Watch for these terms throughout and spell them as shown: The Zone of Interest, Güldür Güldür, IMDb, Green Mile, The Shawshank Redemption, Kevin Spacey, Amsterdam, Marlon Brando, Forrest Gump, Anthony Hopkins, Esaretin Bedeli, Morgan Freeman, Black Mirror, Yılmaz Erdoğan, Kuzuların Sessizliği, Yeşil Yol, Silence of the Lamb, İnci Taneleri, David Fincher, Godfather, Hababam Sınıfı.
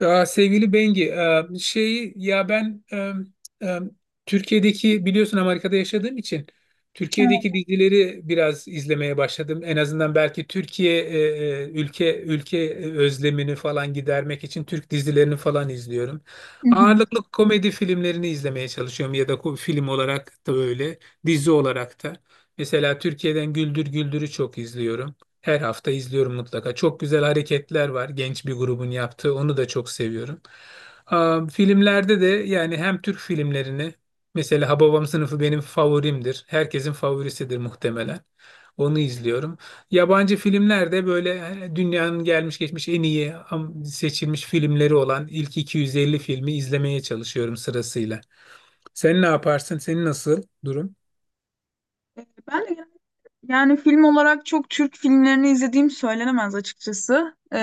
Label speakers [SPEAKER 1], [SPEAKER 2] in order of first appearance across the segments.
[SPEAKER 1] Aa, sevgili Bengi, e, Türkiye'deki biliyorsun Amerika'da yaşadığım için
[SPEAKER 2] Evet.
[SPEAKER 1] Türkiye'deki dizileri biraz izlemeye başladım. En azından belki Türkiye ülke özlemini falan gidermek için Türk dizilerini falan izliyorum.
[SPEAKER 2] Hı hı.
[SPEAKER 1] Ağırlıklı komedi filmlerini izlemeye çalışıyorum ya da film olarak da öyle, dizi olarak da. Mesela Türkiye'den Güldür Güldür'ü çok izliyorum. Her hafta izliyorum mutlaka. Çok güzel hareketler var genç bir grubun yaptığı. Onu da çok seviyorum. Aa, filmlerde de yani hem Türk filmlerini mesela Hababam Sınıfı benim favorimdir. Herkesin favorisidir muhtemelen. Onu izliyorum. Yabancı filmlerde böyle dünyanın gelmiş geçmiş en iyi seçilmiş filmleri olan ilk 250 filmi izlemeye çalışıyorum sırasıyla. Sen ne yaparsın? Senin nasıl durum?
[SPEAKER 2] Ben de yani film olarak çok Türk filmlerini izlediğim söylenemez açıkçası.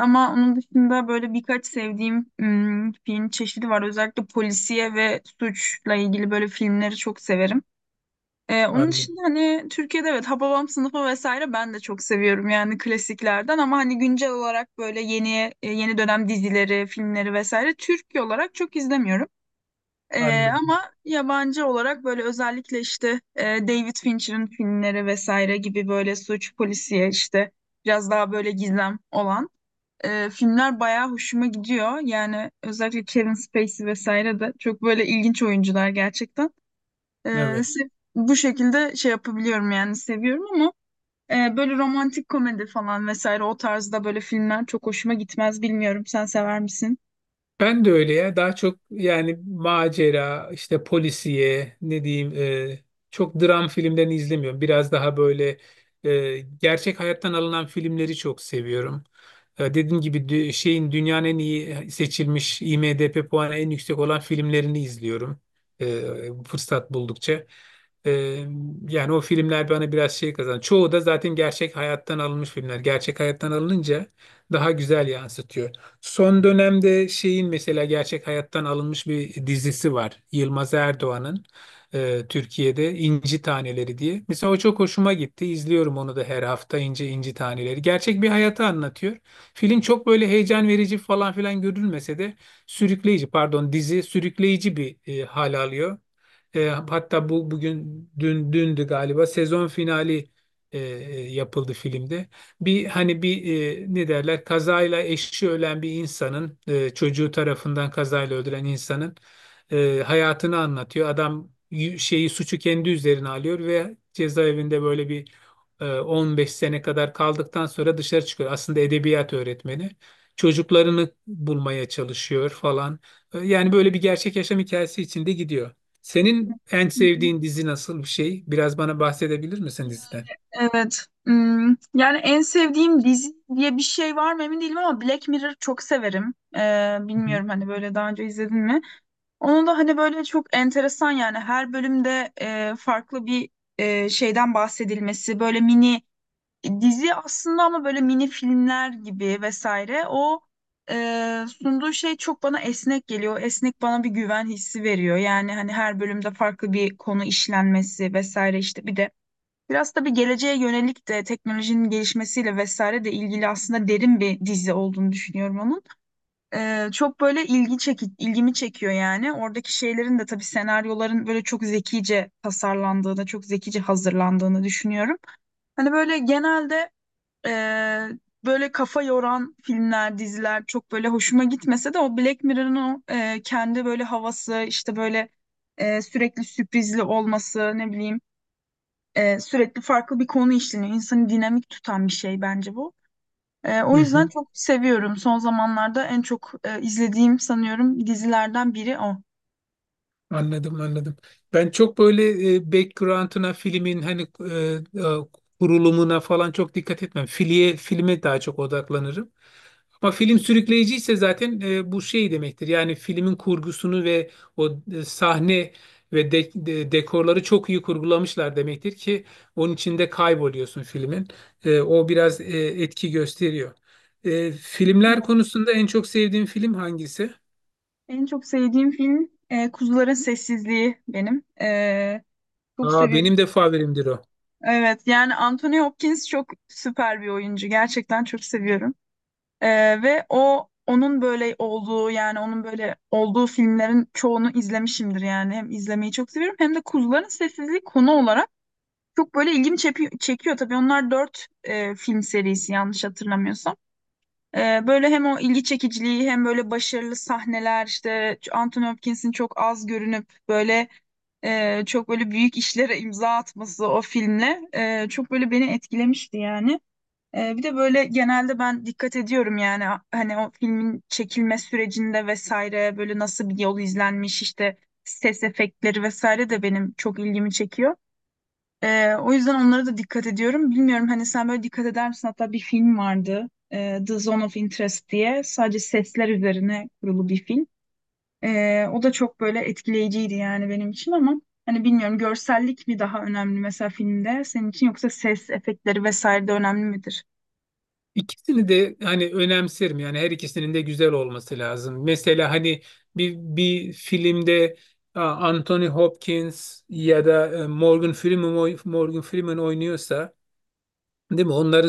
[SPEAKER 2] Ama onun dışında böyle birkaç sevdiğim film çeşidi var. Özellikle polisiye ve suçla ilgili böyle filmleri çok severim. Onun
[SPEAKER 1] Anladım.
[SPEAKER 2] dışında hani Türkiye'de, evet, Hababam Sınıfı vesaire ben de çok seviyorum yani klasiklerden, ama hani güncel olarak böyle yeni yeni dönem dizileri, filmleri vesaire Türkiye olarak çok izlemiyorum.
[SPEAKER 1] Anladım.
[SPEAKER 2] Ama yabancı olarak böyle özellikle işte David Fincher'ın filmleri vesaire gibi böyle suç, polisiye, işte biraz daha böyle gizem olan filmler bayağı hoşuma gidiyor. Yani özellikle Kevin Spacey vesaire de çok böyle ilginç oyuncular gerçekten. Ee,
[SPEAKER 1] Evet.
[SPEAKER 2] Bu şekilde şey yapabiliyorum yani, seviyorum, ama böyle romantik komedi falan vesaire o tarzda böyle filmler çok hoşuma gitmez. Bilmiyorum, sen sever misin?
[SPEAKER 1] Ben de öyle ya. Daha çok yani macera, işte polisiye, ne diyeyim, e, çok dram filmlerini izlemiyorum. Biraz daha böyle gerçek hayattan alınan filmleri çok seviyorum. Dediğim gibi şeyin dünyanın en iyi seçilmiş IMDb puanı en yüksek olan filmlerini izliyorum. Fırsat buldukça. E, Yani o filmler bana biraz şey kazan. Çoğu da zaten gerçek hayattan alınmış filmler. Gerçek hayattan alınınca daha güzel yansıtıyor. Son dönemde şeyin mesela gerçek hayattan alınmış bir dizisi var. Yılmaz Erdoğan'ın Türkiye'de İnci Taneleri diye. Mesela o çok hoşuma gitti. İzliyorum onu da her hafta İnci Taneleri. Gerçek bir hayatı anlatıyor. Film çok böyle heyecan verici falan filan görülmese de sürükleyici, pardon, dizi sürükleyici bir hal alıyor. Hatta bugün dündü galiba sezon finali yapıldı filmde. Hani bir ne derler, kazayla eşi ölen bir insanın çocuğu tarafından kazayla öldüren insanın hayatını anlatıyor. Adam şeyi, suçu kendi üzerine alıyor ve cezaevinde böyle 15 sene kadar kaldıktan sonra dışarı çıkıyor. Aslında edebiyat öğretmeni. Çocuklarını bulmaya çalışıyor falan. Yani böyle bir gerçek yaşam hikayesi içinde gidiyor. Senin en
[SPEAKER 2] Hı hı.
[SPEAKER 1] sevdiğin dizi nasıl bir şey? Biraz bana bahsedebilir misin
[SPEAKER 2] Yani
[SPEAKER 1] diziden?
[SPEAKER 2] evet. Yani en sevdiğim dizi diye bir şey var mı emin değilim, ama Black Mirror çok severim.
[SPEAKER 1] Hı hı.
[SPEAKER 2] Bilmiyorum, hani böyle daha önce izledin mi? Onun da hani böyle çok enteresan yani, her bölümde farklı bir şeyden bahsedilmesi, böyle mini dizi aslında, ama böyle mini filmler gibi vesaire. O sunduğu şey çok bana esnek geliyor. Esnek bana bir güven hissi veriyor. Yani hani her bölümde farklı bir konu işlenmesi vesaire, işte bir de biraz tabii geleceğe yönelik de teknolojinin gelişmesiyle vesaire de ilgili, aslında derin bir dizi olduğunu düşünüyorum onun. Çok böyle ilgimi çekiyor yani. Oradaki şeylerin de tabii, senaryoların böyle çok zekice tasarlandığını, çok zekice hazırlandığını düşünüyorum. Hani böyle genelde e, böyle kafa yoran filmler, diziler çok böyle hoşuma gitmese de o Black Mirror'ın o kendi böyle havası, işte böyle sürekli sürprizli olması, ne bileyim, sürekli farklı bir konu işleniyor. İnsanı dinamik tutan bir şey bence bu.
[SPEAKER 1] Hı
[SPEAKER 2] O yüzden
[SPEAKER 1] hı.
[SPEAKER 2] çok seviyorum. Son zamanlarda en çok izlediğim sanıyorum dizilerden biri o.
[SPEAKER 1] Anladım, anladım. Ben çok böyle background'una filmin hani e, kurulumuna falan çok dikkat etmem. Filiye, filme daha çok odaklanırım. Ama film sürükleyiciyse zaten bu şey demektir. Yani filmin kurgusunu ve o sahne ve dekorları çok iyi kurgulamışlar demektir ki onun içinde kayboluyorsun filmin. O biraz etki gösteriyor. Filmler
[SPEAKER 2] Evet.
[SPEAKER 1] konusunda en çok sevdiğim film hangisi?
[SPEAKER 2] En çok sevdiğim film Kuzuların Sessizliği benim. Çok
[SPEAKER 1] Aa,
[SPEAKER 2] seviyorum.
[SPEAKER 1] benim de favorimdir o.
[SPEAKER 2] Evet yani Anthony Hopkins çok süper bir oyuncu. Gerçekten çok seviyorum. Ve o onun böyle olduğu yani onun böyle olduğu filmlerin çoğunu izlemişimdir yani. Hem izlemeyi çok seviyorum, hem de Kuzuların Sessizliği konu olarak çok böyle ilgimi çekiyor tabii. Onlar dört film serisi yanlış hatırlamıyorsam. Böyle hem o ilgi çekiciliği, hem böyle başarılı sahneler, işte Anthony Hopkins'in çok az görünüp böyle çok böyle büyük işlere imza atması, o filmle çok böyle beni etkilemişti yani. Bir de böyle genelde ben dikkat ediyorum yani, hani o filmin çekilme sürecinde vesaire böyle nasıl bir yol izlenmiş, işte ses efektleri vesaire de benim çok ilgimi çekiyor. O yüzden onlara da dikkat ediyorum. Bilmiyorum, hani sen böyle dikkat eder misin? Hatta bir film vardı, The Zone of Interest diye. Sadece sesler üzerine kurulu bir film. O da çok böyle etkileyiciydi yani benim için, ama hani bilmiyorum, görsellik mi daha önemli mesela filmde senin için, yoksa ses efektleri vesaire de önemli midir?
[SPEAKER 1] İkisini de hani önemserim, yani her ikisinin de güzel olması lazım. Mesela hani bir filmde a, Anthony Hopkins ya da Morgan Freeman Morgan Freeman oynuyorsa, değil mi? Onların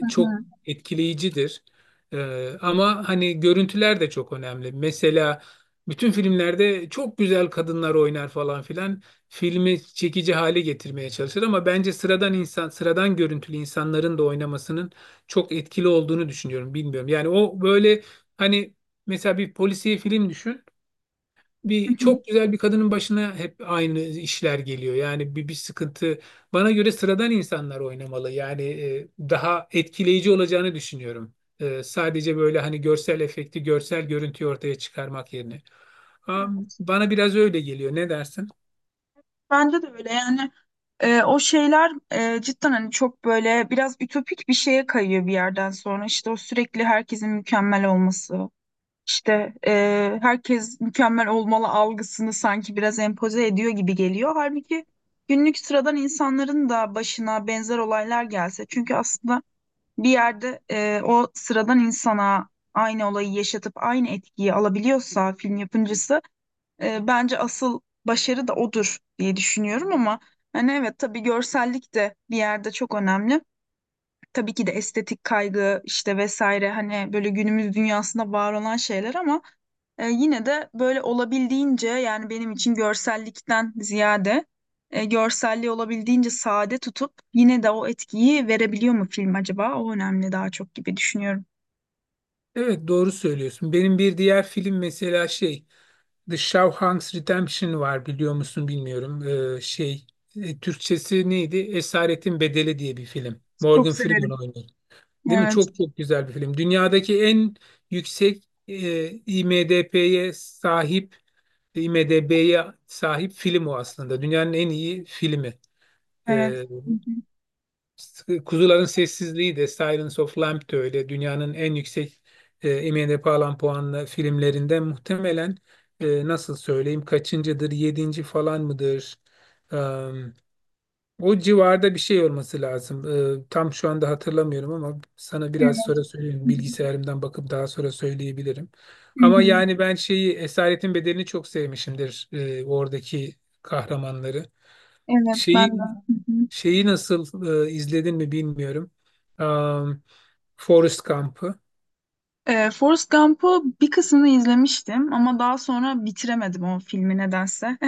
[SPEAKER 2] Hı
[SPEAKER 1] çok
[SPEAKER 2] hı.
[SPEAKER 1] etkileyicidir. Ama hani görüntüler de çok önemli. Mesela bütün filmlerde çok güzel kadınlar oynar falan filan. Filmi çekici hale getirmeye çalışır ama bence sıradan insan, sıradan görüntülü insanların da oynamasının çok etkili olduğunu düşünüyorum. Bilmiyorum. Yani o böyle hani mesela bir polisiye film düşün,
[SPEAKER 2] Hı
[SPEAKER 1] bir
[SPEAKER 2] hı.
[SPEAKER 1] çok güzel bir kadının başına hep aynı işler geliyor. Yani bir sıkıntı. Bana göre sıradan insanlar oynamalı. Yani daha etkileyici olacağını düşünüyorum. Sadece böyle hani görsel efekti, görsel görüntüyü ortaya çıkarmak yerine.
[SPEAKER 2] Evet,
[SPEAKER 1] Bana biraz öyle geliyor. Ne dersin?
[SPEAKER 2] bence de öyle yani. O şeyler cidden hani çok böyle biraz ütopik bir şeye kayıyor bir yerden sonra, işte o sürekli herkesin mükemmel olması, işte herkes mükemmel olmalı algısını sanki biraz empoze ediyor gibi geliyor. Halbuki günlük sıradan insanların da başına benzer olaylar gelse, çünkü aslında bir yerde o sıradan insana aynı olayı yaşatıp aynı etkiyi alabiliyorsa film yapımcısı, bence asıl başarı da odur diye düşünüyorum, ama hani evet, tabii, görsellik de bir yerde çok önemli. Tabii ki de estetik kaygı işte vesaire, hani böyle günümüz dünyasında var olan şeyler, ama yine de böyle olabildiğince, yani benim için görsellikten ziyade görselliği olabildiğince sade tutup yine de o etkiyi verebiliyor mu film acaba? O önemli daha çok gibi düşünüyorum.
[SPEAKER 1] Evet, doğru söylüyorsun. Benim bir diğer film mesela şey The Shawshank Redemption var, biliyor musun bilmiyorum. Ee, şey Türkçesi neydi? Esaretin Bedeli diye bir film.
[SPEAKER 2] Çok
[SPEAKER 1] Morgan Freeman
[SPEAKER 2] severim.
[SPEAKER 1] oynuyor. Değil mi?
[SPEAKER 2] Evet,
[SPEAKER 1] Çok çok güzel bir film. Dünyadaki en yüksek e, IMDb'ye sahip, IMDb'ye sahip film o aslında. Dünyanın en iyi filmi.
[SPEAKER 2] evet.
[SPEAKER 1] E,
[SPEAKER 2] Hı hı.
[SPEAKER 1] Kuzuların Sessizliği de Silence of Lamb de öyle. Dünyanın en yüksek IMDb alan puanlı filmlerinden muhtemelen nasıl söyleyeyim, kaçıncıdır? Yedinci falan mıdır? O civarda bir şey olması lazım. Tam şu anda hatırlamıyorum ama sana biraz
[SPEAKER 2] Evet.
[SPEAKER 1] sonra
[SPEAKER 2] Hı
[SPEAKER 1] söyleyeyim.
[SPEAKER 2] hı.
[SPEAKER 1] Bilgisayarımdan bakıp daha sonra söyleyebilirim.
[SPEAKER 2] Hı
[SPEAKER 1] Ama
[SPEAKER 2] hı.
[SPEAKER 1] yani ben şeyi Esaretin Bedeli'ni çok sevmişimdir. Oradaki kahramanları.
[SPEAKER 2] Evet
[SPEAKER 1] Şeyi
[SPEAKER 2] ben de. Hı hı.
[SPEAKER 1] şeyi nasıl izledin mi bilmiyorum. Um, Forrest Gump'ı.
[SPEAKER 2] Forrest Gump'u bir kısmını izlemiştim, ama daha sonra bitiremedim o filmi nedense.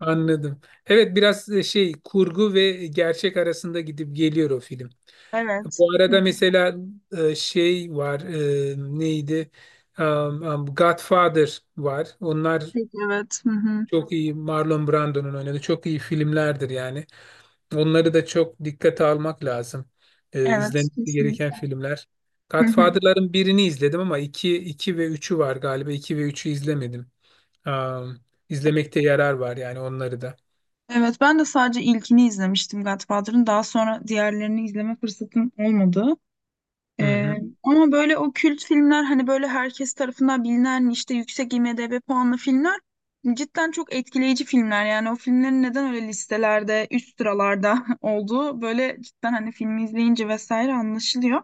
[SPEAKER 1] Anladım. Evet, biraz şey, kurgu ve gerçek arasında gidip geliyor o film.
[SPEAKER 2] Evet.
[SPEAKER 1] Bu
[SPEAKER 2] Hı
[SPEAKER 1] arada
[SPEAKER 2] hı.
[SPEAKER 1] mesela şey var, neydi? Godfather var. Onlar
[SPEAKER 2] Peki, evet. Hı hı.
[SPEAKER 1] çok iyi, Marlon Brando'nun oynadığı çok iyi filmlerdir yani. Onları da çok dikkate almak lazım.
[SPEAKER 2] Evet,
[SPEAKER 1] İzlenmesi gereken
[SPEAKER 2] kesinlikle.
[SPEAKER 1] filmler.
[SPEAKER 2] Hı hı.
[SPEAKER 1] Godfather'ların birini izledim ama iki ve üçü var galiba. İki ve üçü izlemedim. Um, izlemekte yarar var yani onları da.
[SPEAKER 2] Evet, ben de sadece ilkini izlemiştim Godfather'ın. Daha sonra diğerlerini izleme fırsatım olmadı.
[SPEAKER 1] Hı
[SPEAKER 2] Ee,
[SPEAKER 1] hı,
[SPEAKER 2] Ama böyle o kült filmler, hani böyle herkes tarafından bilinen, işte yüksek IMDb puanlı filmler cidden çok etkileyici filmler. Yani o filmlerin neden öyle listelerde üst sıralarda olduğu böyle cidden, hani, filmi izleyince vesaire anlaşılıyor.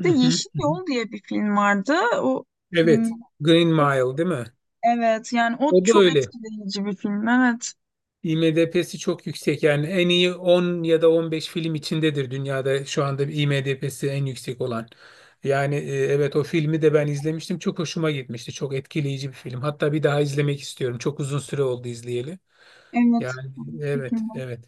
[SPEAKER 2] Bir
[SPEAKER 1] hı
[SPEAKER 2] de
[SPEAKER 1] hı,
[SPEAKER 2] Yeşil
[SPEAKER 1] hı hı.
[SPEAKER 2] Yol diye bir film vardı. O hmm,
[SPEAKER 1] Evet. Green
[SPEAKER 2] çok,
[SPEAKER 1] Mile, değil mi?
[SPEAKER 2] evet, yani o
[SPEAKER 1] O da
[SPEAKER 2] çok
[SPEAKER 1] öyle.
[SPEAKER 2] etkileyici bir film. Evet.
[SPEAKER 1] IMDb'si çok yüksek, yani en iyi 10 ya da 15 film içindedir dünyada şu anda IMDb'si en yüksek olan. Yani evet, o filmi de ben izlemiştim, çok hoşuma gitmişti, çok etkileyici bir film, hatta bir daha izlemek istiyorum, çok uzun süre oldu izleyeli.
[SPEAKER 2] Evet.
[SPEAKER 1] Yani
[SPEAKER 2] Şekilde.
[SPEAKER 1] evet, evet.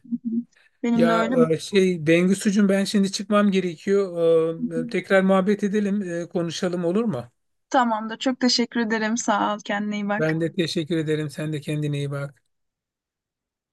[SPEAKER 2] Benim de
[SPEAKER 1] Ya
[SPEAKER 2] öyle.
[SPEAKER 1] e, şey, Bengüsucuğum, ben şimdi çıkmam gerekiyor. Tekrar muhabbet edelim, konuşalım, olur mu?
[SPEAKER 2] Tamam da çok teşekkür ederim. Sağ ol. Kendine iyi bak.
[SPEAKER 1] Ben de teşekkür ederim, sen de kendine iyi bak.